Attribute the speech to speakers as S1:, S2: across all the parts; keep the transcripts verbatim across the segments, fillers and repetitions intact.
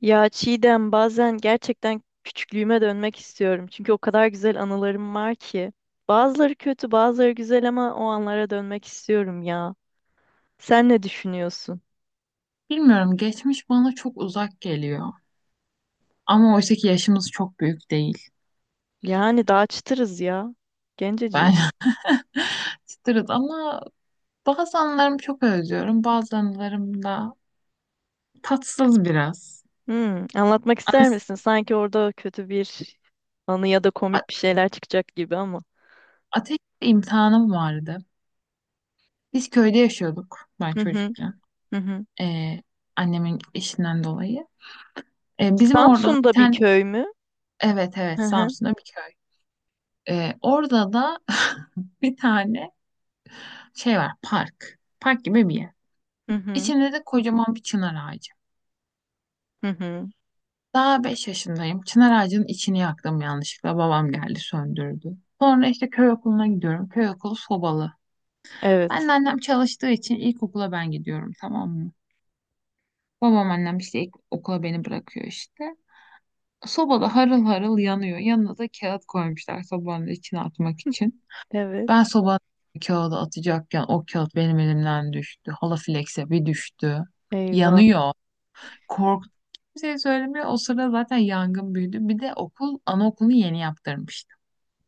S1: Ya Çiğdem bazen gerçekten küçüklüğüme dönmek istiyorum. Çünkü o kadar güzel anılarım var ki. Bazıları kötü, bazıları güzel ama o anlara dönmek istiyorum ya. Sen ne düşünüyorsun?
S2: Bilmiyorum geçmiş bana çok uzak geliyor. Ama oysa ki yaşımız çok büyük değil.
S1: Yani daha çıtırız ya.
S2: Ben
S1: Genceciyiz.
S2: çıtırız ama bazı anılarımı çok özlüyorum. Bazı anılarım da tatsız biraz.
S1: Hmm, anlatmak ister
S2: Anas-
S1: misin? Sanki orada kötü bir anı ya da
S2: a-
S1: komik bir şeyler çıkacak gibi ama.
S2: Ateş imtihanım vardı. Biz köyde yaşıyorduk ben
S1: Hı hı,
S2: çocukken.
S1: hı hı.
S2: Ee, Annemin işinden dolayı. Ee, bizim orada bir
S1: Samsun'da bir
S2: tane
S1: köy mü?
S2: evet
S1: Hı
S2: evet
S1: hı,
S2: Samsun'da bir köy. Ee, orada da bir tane şey var park. Park gibi bir yer.
S1: hı hı,
S2: İçinde de kocaman bir çınar ağacı.
S1: hı hı.
S2: Daha beş yaşındayım. Çınar ağacının içini yaktım yanlışlıkla. Babam geldi söndürdü. Sonra işte köy okuluna gidiyorum. Köy okulu sobalı. Ben de
S1: Evet,
S2: annem çalıştığı için ilkokula ben gidiyorum, tamam mı? Babam annem işte ilk okula beni bırakıyor işte. Sobada harıl harıl yanıyor. Yanına da kağıt koymuşlar sobanın içine atmak için. Ben
S1: evet.
S2: sobanın kağıdı atacakken o kağıt benim elimden düştü. Halafilekse bir düştü.
S1: Eyvah.
S2: Yanıyor. Korktum. Kimseye söylemiyor. O sırada zaten yangın büyüdü. Bir de okul, anaokulunu yeni yaptırmıştım.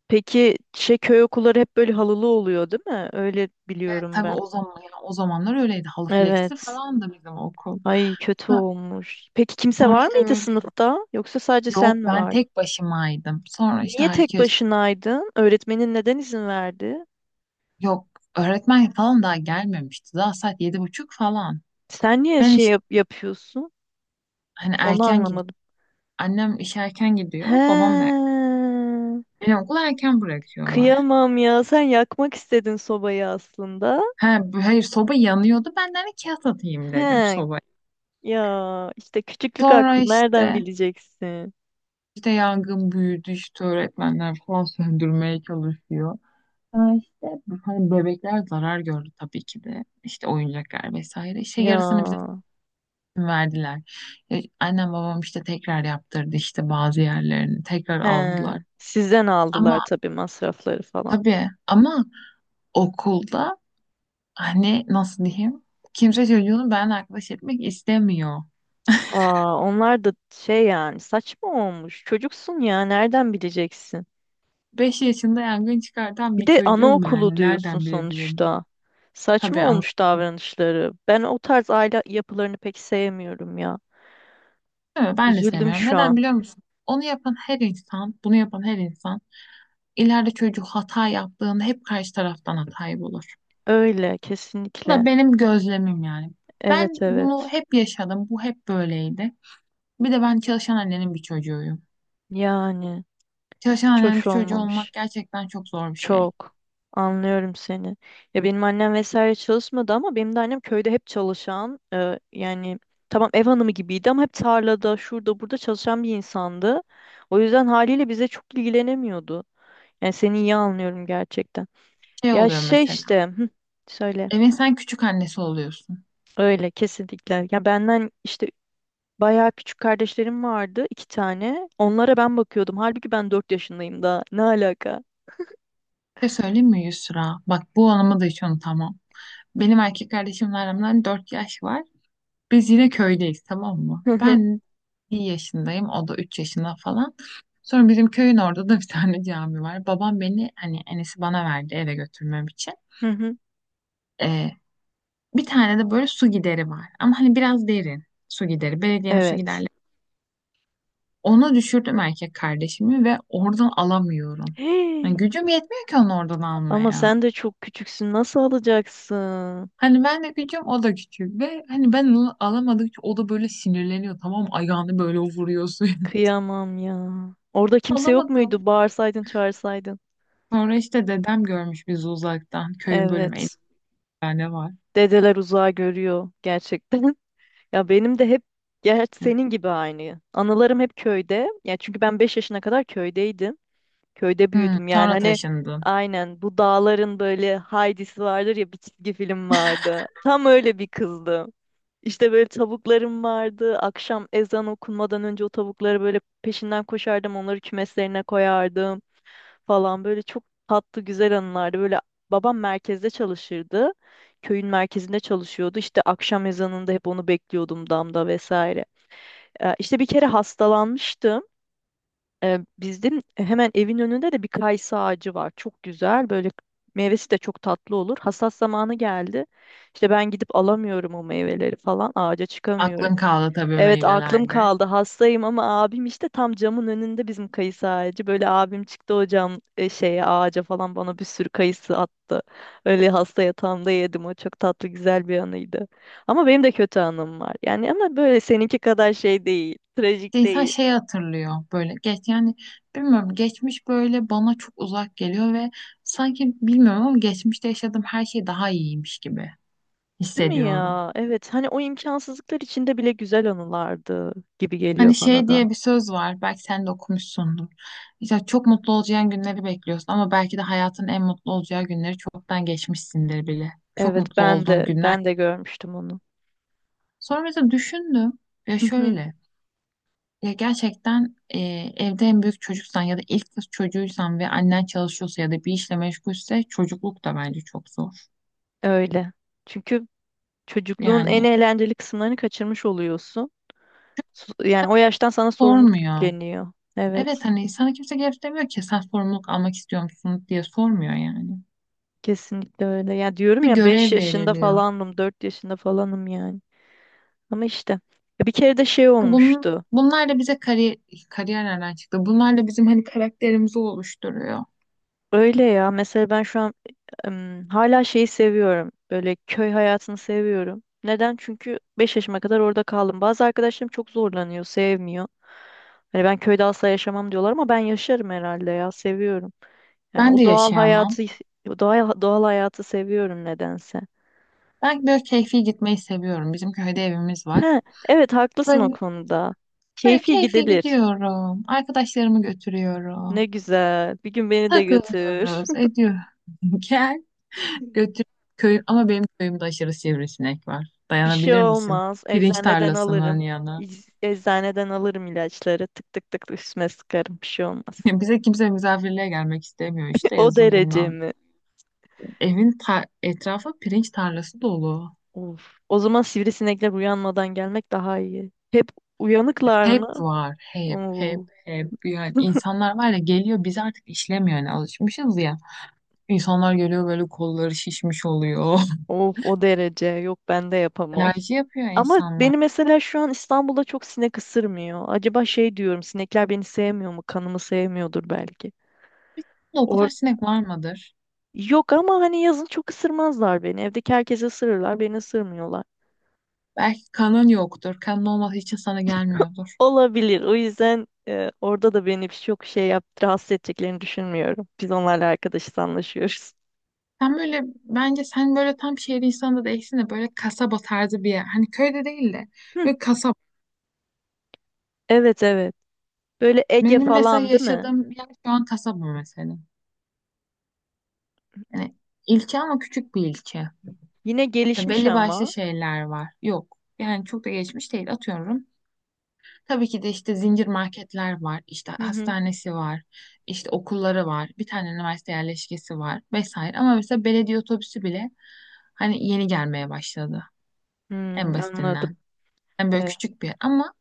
S1: Peki şey köy okulları hep böyle halılı oluyor değil mi? Öyle
S2: Evet
S1: biliyorum
S2: tabii
S1: ben.
S2: o zaman yani o zamanlar öyleydi. Halı fleksi
S1: Evet.
S2: falan da bizim okul.
S1: Ay kötü
S2: Ha,
S1: olmuş. Peki kimse
S2: sonra
S1: var
S2: işte
S1: mıydı
S2: böyle
S1: sınıfta? Yoksa sadece sen
S2: yok
S1: mi
S2: ben
S1: vardın?
S2: tek başımaydım. Sonra işte
S1: Niye tek
S2: herkes
S1: başınaydın? Öğretmenin neden izin verdi?
S2: yok öğretmen falan daha gelmemişti. Daha saat yedi buçuk falan.
S1: Sen niye
S2: Ben
S1: şey
S2: işte
S1: yap- yapıyorsun?
S2: hani
S1: Onu
S2: erken gidiyorum.
S1: anlamadım.
S2: Annem işe erken gidiyor. Babam da erken.
S1: He.
S2: Beni okula erken bırakıyorlar.
S1: Kıyamam ya. Sen yakmak istedin sobayı aslında.
S2: Ha, bu- hayır soba yanıyordu. Ben de hani kağıt atayım dedim
S1: He.
S2: sobaya.
S1: Ya işte küçüklük
S2: Sonra
S1: aklı nereden
S2: işte
S1: bileceksin?
S2: İşte yangın büyüdü işte öğretmenler falan söndürmeye çalışıyor. Ha işte hani bebekler zarar gördü tabii ki de. İşte oyuncaklar vesaire. İşte yarısını bize
S1: Ya.
S2: verdiler. E, annem babam işte tekrar yaptırdı işte bazı yerlerini tekrar
S1: He,
S2: aldılar.
S1: sizden
S2: Ama
S1: aldılar tabii masrafları falan.
S2: tabii ama okulda hani nasıl diyeyim kimse çocuğunu ben arkadaş etmek istemiyor.
S1: Aa, onlar da şey yani saçma olmuş. Çocuksun ya nereden bileceksin?
S2: Beş yaşında yangın çıkartan
S1: Bir
S2: bir
S1: de
S2: çocuğum
S1: anaokulu
S2: yani
S1: diyorsun
S2: nereden bilebilirim?
S1: sonuçta. Saçma
S2: Tabii.
S1: olmuş davranışları. Ben o tarz aile yapılarını pek sevmiyorum ya.
S2: Evet, ben de
S1: Üzüldüm
S2: sevmiyorum.
S1: şu
S2: Neden
S1: an.
S2: biliyor musun? Onu yapan her insan, bunu yapan her insan ileride çocuk hata yaptığında hep karşı taraftan hatayı bulur.
S1: Öyle
S2: Bu
S1: kesinlikle.
S2: da benim gözlemim yani. Ben
S1: Evet
S2: bunu
S1: evet.
S2: hep yaşadım. Bu hep böyleydi. Bir de ben çalışan annenin bir çocuğuyum.
S1: Yani
S2: Çalışan
S1: hiç
S2: annenin bir
S1: hoş
S2: çocuğu olmak
S1: olmamış.
S2: gerçekten çok zor bir şey.
S1: Çok. Anlıyorum seni. Ya benim annem vesaire çalışmadı ama benim de annem köyde hep çalışan, e, yani tamam ev hanımı gibiydi ama hep tarlada, şurada, burada çalışan bir insandı. O yüzden haliyle bize çok ilgilenemiyordu. Yani seni iyi anlıyorum gerçekten.
S2: Şey
S1: Ya
S2: oluyor
S1: şey
S2: mesela.
S1: işte, hı, söyle.
S2: Evin sen küçük annesi oluyorsun.
S1: Öyle kesinlikle. Ya benden işte bayağı küçük kardeşlerim vardı, iki tane. Onlara ben bakıyordum. Halbuki ben dört yaşındayım daha. Ne alaka?
S2: Bir şey söyleyeyim mi, Yusra? Bak bu anımı da hiç unutamam. Benim erkek kardeşimle aramda dört yaş var. Biz yine köydeyiz, tamam mı?
S1: Hı hı.
S2: Ben bir yaşındayım. O da üç yaşında falan. Sonra bizim köyün orada da bir tane cami var. Babam beni hani enesi bana verdi eve götürmem için.
S1: Hı hı.
S2: Ee, Bir tane de böyle su gideri var. Ama hani biraz derin su gideri. Belediyenin su
S1: Evet.
S2: giderleri. Onu düşürdüm erkek kardeşimi ve oradan alamıyorum. Hani gücüm yetmiyor ki onu oradan
S1: Ama
S2: almaya.
S1: sen de çok küçüksün. Nasıl alacaksın?
S2: Hani ben de küçüğüm o da küçük ve hani ben onu alamadıkça o da böyle sinirleniyor, tamam mı? Ayağını böyle vuruyor suya.
S1: Kıyamam ya. Orada kimse yok
S2: Alamadım.
S1: muydu? Bağırsaydın, çağırsaydın.
S2: Sonra işte dedem görmüş bizi uzaktan. Köyün bölümü elli
S1: Evet.
S2: tane var.
S1: Dedeler uzağa görüyor gerçekten. Ya benim de hep gerçi senin gibi aynı. Anılarım hep köyde. Ya çünkü ben beş yaşına kadar köydeydim. Köyde
S2: Hmm,
S1: büyüdüm. Yani
S2: sonra
S1: hani
S2: taşındın.
S1: aynen bu dağların böyle Heidi'si vardır ya bir çizgi film vardı. Tam öyle bir kızdım. İşte böyle tavuklarım vardı. Akşam ezan okunmadan önce o tavukları böyle peşinden koşardım. Onları kümeslerine koyardım falan. Böyle çok tatlı güzel anılardı. Böyle babam merkezde çalışırdı. Köyün merkezinde çalışıyordu. İşte akşam ezanında hep onu bekliyordum damda vesaire. Ee, İşte bir kere hastalanmıştım. Ee, Bizim hemen evin önünde de bir kayısı ağacı var. Çok güzel. Böyle meyvesi de çok tatlı olur. Hasat zamanı geldi. İşte ben gidip alamıyorum o meyveleri falan. Ağaca çıkamıyorum.
S2: Aklın kaldı tabii
S1: Evet aklım
S2: meyvelerde.
S1: kaldı hastayım ama abim işte tam camın önünde bizim kayısı ağacı. Böyle abim çıktı o cam e, şeye ağaca falan bana bir sürü kayısı attı. Öyle hasta yatağımda yedim o çok tatlı güzel bir anıydı. Ama benim de kötü anım var. Yani ama böyle seninki kadar şey değil,
S2: İşte
S1: trajik
S2: insan
S1: değil.
S2: şey hatırlıyor böyle geç yani bilmiyorum geçmiş böyle bana çok uzak geliyor ve sanki bilmiyorum ama geçmişte yaşadığım her şey daha iyiymiş gibi
S1: Değil mi
S2: hissediyorum.
S1: ya? Evet hani o imkansızlıklar içinde bile güzel anılardı gibi geliyor
S2: Hani
S1: bana
S2: şey
S1: da.
S2: diye bir söz var belki sen de okumuşsundur. İşte çok mutlu olacağın günleri bekliyorsun ama belki de hayatın en mutlu olacağı günleri çoktan geçmişsindir bile. Çok
S1: Evet
S2: mutlu
S1: ben
S2: olduğun
S1: de
S2: günler.
S1: ben de görmüştüm onu.
S2: Sonra mesela düşündüm ya
S1: Hı hı,
S2: şöyle ya gerçekten e, evde en büyük çocuksan ya da ilk kız çocuğuysan ve annen çalışıyorsa ya da bir işle meşgulse çocukluk da bence çok zor.
S1: öyle. Çünkü çocukluğun en
S2: Yani
S1: eğlenceli kısımlarını kaçırmış oluyorsun. Su- Yani o yaştan sana sorumluluk
S2: sormuyor.
S1: yükleniyor. Evet,
S2: Evet hani sana kimse gelip demiyor ki sen sorumluluk almak istiyor musun diye sormuyor yani.
S1: kesinlikle öyle. Ya diyorum
S2: Bir
S1: ya beş
S2: görev
S1: yaşında
S2: veriliyor.
S1: falanım, dört yaşında falanım yani. Ama işte ya bir kere de şey
S2: Bunun,
S1: olmuştu.
S2: Bunlarla bize kari, kariyer nereden çıktı? Bunlarla bizim hani karakterimizi oluşturuyor.
S1: Öyle ya. Mesela ben şu an ım, hala şeyi seviyorum. Böyle köy hayatını seviyorum. Neden? Çünkü beş yaşıma kadar orada kaldım. Bazı arkadaşlarım çok zorlanıyor, sevmiyor. Hani ben köyde asla yaşamam diyorlar ama ben yaşarım herhalde ya, seviyorum. Yani
S2: Ben de
S1: o doğal
S2: yaşayamam.
S1: hayatı doğal, doğal hayatı seviyorum nedense.
S2: Ben böyle keyfi gitmeyi seviyorum. Bizim köyde evimiz var.
S1: He, evet haklısın o
S2: Böyle
S1: konuda.
S2: Böyle
S1: Keyfi
S2: keyfe
S1: gidilir.
S2: gidiyorum. Arkadaşlarımı
S1: Ne
S2: götürüyorum.
S1: güzel. Bir gün beni de götür.
S2: Takılıyoruz, ediyor. Gel götür köyüm ama benim köyümde aşırı sivrisinek var.
S1: Bir şey
S2: Dayanabilir misin?
S1: olmaz.
S2: Pirinç
S1: Eczaneden
S2: tarlasının
S1: alırım.
S2: yanı.
S1: İz- Eczaneden alırım ilaçları. Tık tık tık üstüme sıkarım. Bir şey olmaz.
S2: Bize kimse misafirliğe gelmek istemiyor işte
S1: O
S2: yazın
S1: derece
S2: bundan.
S1: mi?
S2: Evin ta- etrafı pirinç tarlası dolu.
S1: Of. O zaman sivrisinekler uyanmadan gelmek daha iyi. Hep uyanıklar
S2: Hep
S1: mı?
S2: var, hep, hep,
S1: Oo.
S2: hep. Yani insanlar var ya geliyor biz artık işlemiyor yani alışmışız ya. İnsanlar geliyor böyle kolları şişmiş oluyor.
S1: Of o derece. Yok ben de yapamam.
S2: Alerji yapıyor
S1: Ama
S2: insanlar.
S1: beni mesela şu an İstanbul'da çok sinek ısırmıyor. Acaba şey diyorum sinekler beni sevmiyor mu? Kanımı sevmiyordur belki.
S2: O
S1: Or
S2: kadar sinek var mıdır?
S1: Yok ama hani yazın çok ısırmazlar beni. Evdeki herkesi ısırırlar, beni ısırmıyorlar.
S2: Belki kanın yoktur. Kanın olmadığı için sana gelmiyordur.
S1: Olabilir. O yüzden e, orada da beni çok şey yap, rahatsız edeceklerini düşünmüyorum. Biz onlarla arkadaşız, anlaşıyoruz.
S2: Sen böyle bence sen böyle tam şehir insanı da değilsin de böyle kasaba tarzı bir yer. Hani köyde değil de
S1: Hı,
S2: böyle kasaba.
S1: evet evet. Böyle Ege
S2: Benim mesela
S1: falan değil mi?
S2: yaşadığım yer şu an kasaba mesela. Yani ilçe ama küçük bir ilçe.
S1: Yine gelişmiş
S2: Belli başlı
S1: ama.
S2: şeyler var. Yok. Yani çok da geçmiş değil. Atıyorum. Tabii ki de işte zincir marketler var, işte
S1: Hı hı.
S2: hastanesi var, işte okulları var, bir tane üniversite yerleşkesi var vesaire. Ama mesela belediye otobüsü bile hani yeni gelmeye başladı en
S1: Hmm,
S2: basitinden.
S1: anladım.
S2: Yani böyle
S1: Evet.
S2: küçük bir yer ama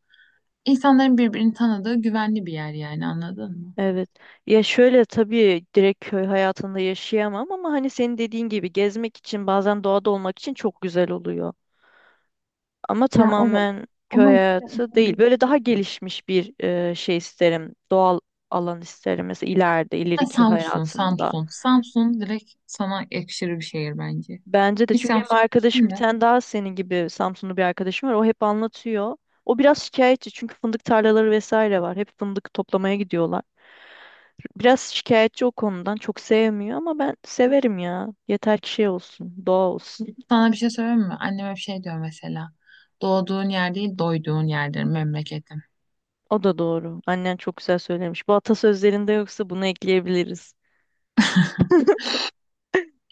S2: insanların birbirini tanıdığı güvenli bir yer yani anladın mı?
S1: Evet. Ya şöyle tabii direkt köy hayatında yaşayamam ama hani senin dediğin gibi gezmek için bazen doğada olmak için çok güzel oluyor. Ama
S2: Ya evet.
S1: tamamen köy
S2: Ama işte
S1: hayatı değil.
S2: önemli.
S1: Böyle daha gelişmiş bir e, şey isterim. Doğal alan isterim mesela ileride,
S2: Ha,
S1: ileriki
S2: Samsun,
S1: hayatımda.
S2: Samsun. Samsun direkt sana yakışır bir şehir bence.
S1: Bence de
S2: Hiç
S1: çünkü benim
S2: Samsun.
S1: arkadaşım bir tane daha senin gibi Samsunlu bir arkadaşım var. O hep anlatıyor. O biraz şikayetçi çünkü fındık tarlaları vesaire var. Hep fındık toplamaya gidiyorlar. Biraz şikayetçi o konudan. Çok sevmiyor ama ben severim ya. Yeter ki şey olsun, doğa olsun.
S2: Sana bir şey söyleyeyim mi? Annem hep şey diyor mesela. Doğduğun yer değil, doyduğun yerdir memleketin.
S1: O da doğru. Annen çok güzel söylemiş. Bu atasözlerinde yoksa bunu ekleyebiliriz.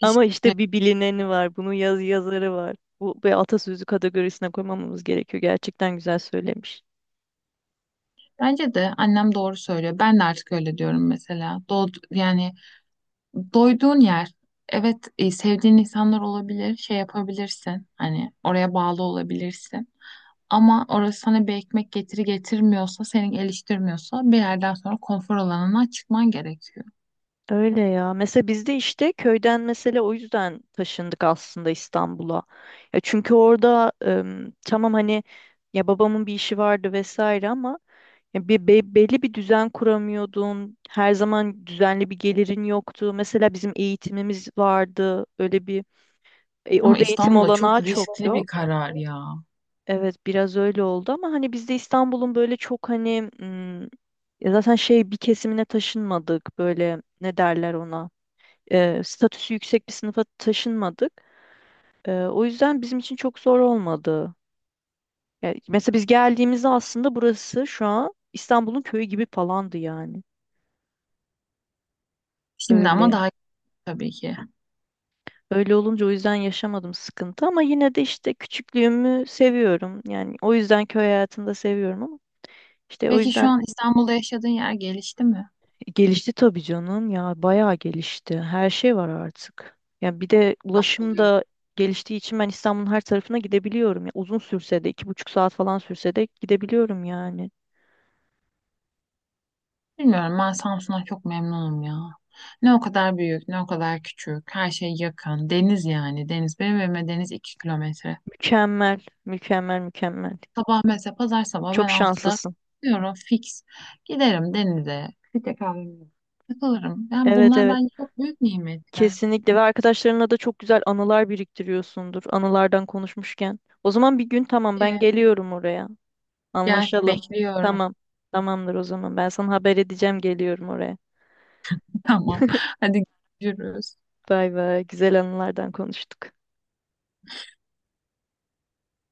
S1: Ama işte bir bilineni var. Bunun yaz yazarı var. Bu, bu atasözü kategorisine koymamamız gerekiyor. Gerçekten güzel söylemiş.
S2: bence de annem doğru söylüyor. Ben de artık öyle diyorum mesela. Doğ, yani doyduğun yer. Evet, e, sevdiğin insanlar olabilir, şey yapabilirsin. Hani oraya bağlı olabilirsin. Ama orası sana bir ekmek getiri getirmiyorsa, seni geliştirmiyorsa bir yerden sonra konfor alanına çıkman gerekiyor.
S1: Öyle ya. Mesela biz de işte köyden mesela o yüzden taşındık aslında İstanbul'a. Ya çünkü orada em, tamam hani ya babamın bir işi vardı vesaire ama ya bir be- belli bir düzen kuramıyordun. Her zaman düzenli bir gelirin yoktu. Mesela bizim eğitimimiz vardı. Öyle bir e,
S2: Ama
S1: orada eğitim
S2: İstanbul'a çok
S1: olanağı çok
S2: riskli bir
S1: yok.
S2: karar ya.
S1: Evet biraz öyle oldu ama hani biz de İstanbul'un böyle çok hani m, ya zaten şey bir kesimine taşınmadık. Böyle ne derler ona? e, statüsü yüksek bir sınıfa taşınmadık. E, o yüzden bizim için çok zor olmadı. Yani mesela biz geldiğimizde aslında burası şu an İstanbul'un köyü gibi falandı yani.
S2: Şimdi ama
S1: Öyle.
S2: daha iyi tabii ki.
S1: Öyle olunca o yüzden yaşamadım sıkıntı ama yine de işte küçüklüğümü seviyorum. Yani o yüzden köy hayatını da seviyorum ama işte o
S2: Peki şu
S1: yüzden
S2: an İstanbul'da yaşadığın yer gelişti mi?
S1: gelişti tabii canım ya bayağı gelişti. Her şey var artık. Yani bir de ulaşım
S2: Oluyor.
S1: da geliştiği için ben İstanbul'un her tarafına gidebiliyorum. Ya uzun sürse de iki buçuk saat falan sürse de gidebiliyorum yani.
S2: Bilmiyorum, ben Samsun'a çok memnunum ya. Ne o kadar büyük, ne o kadar küçük. Her şey yakın. Deniz yani. Deniz. Benim evime deniz iki kilometre.
S1: Mükemmel, mükemmel, mükemmel.
S2: Sabah mesela pazar sabah ben
S1: Çok
S2: altıda,
S1: şanslısın.
S2: diyorum fix. Giderim denize. Bir tek kahvemi takılırım. Yani
S1: Evet
S2: bunlar
S1: evet.
S2: bence çok büyük nimetler.
S1: Kesinlikle ve arkadaşlarınla da çok güzel anılar biriktiriyorsundur. Anılardan konuşmuşken. O zaman bir gün tamam
S2: Ee,
S1: ben geliyorum oraya.
S2: Gel
S1: Anlaşalım.
S2: bekliyorum.
S1: Tamam. Tamamdır o zaman. Ben sana haber edeceğim geliyorum oraya.
S2: Tamam. Hadi görüşürüz.
S1: Bay bay. Güzel anılardan konuştuk.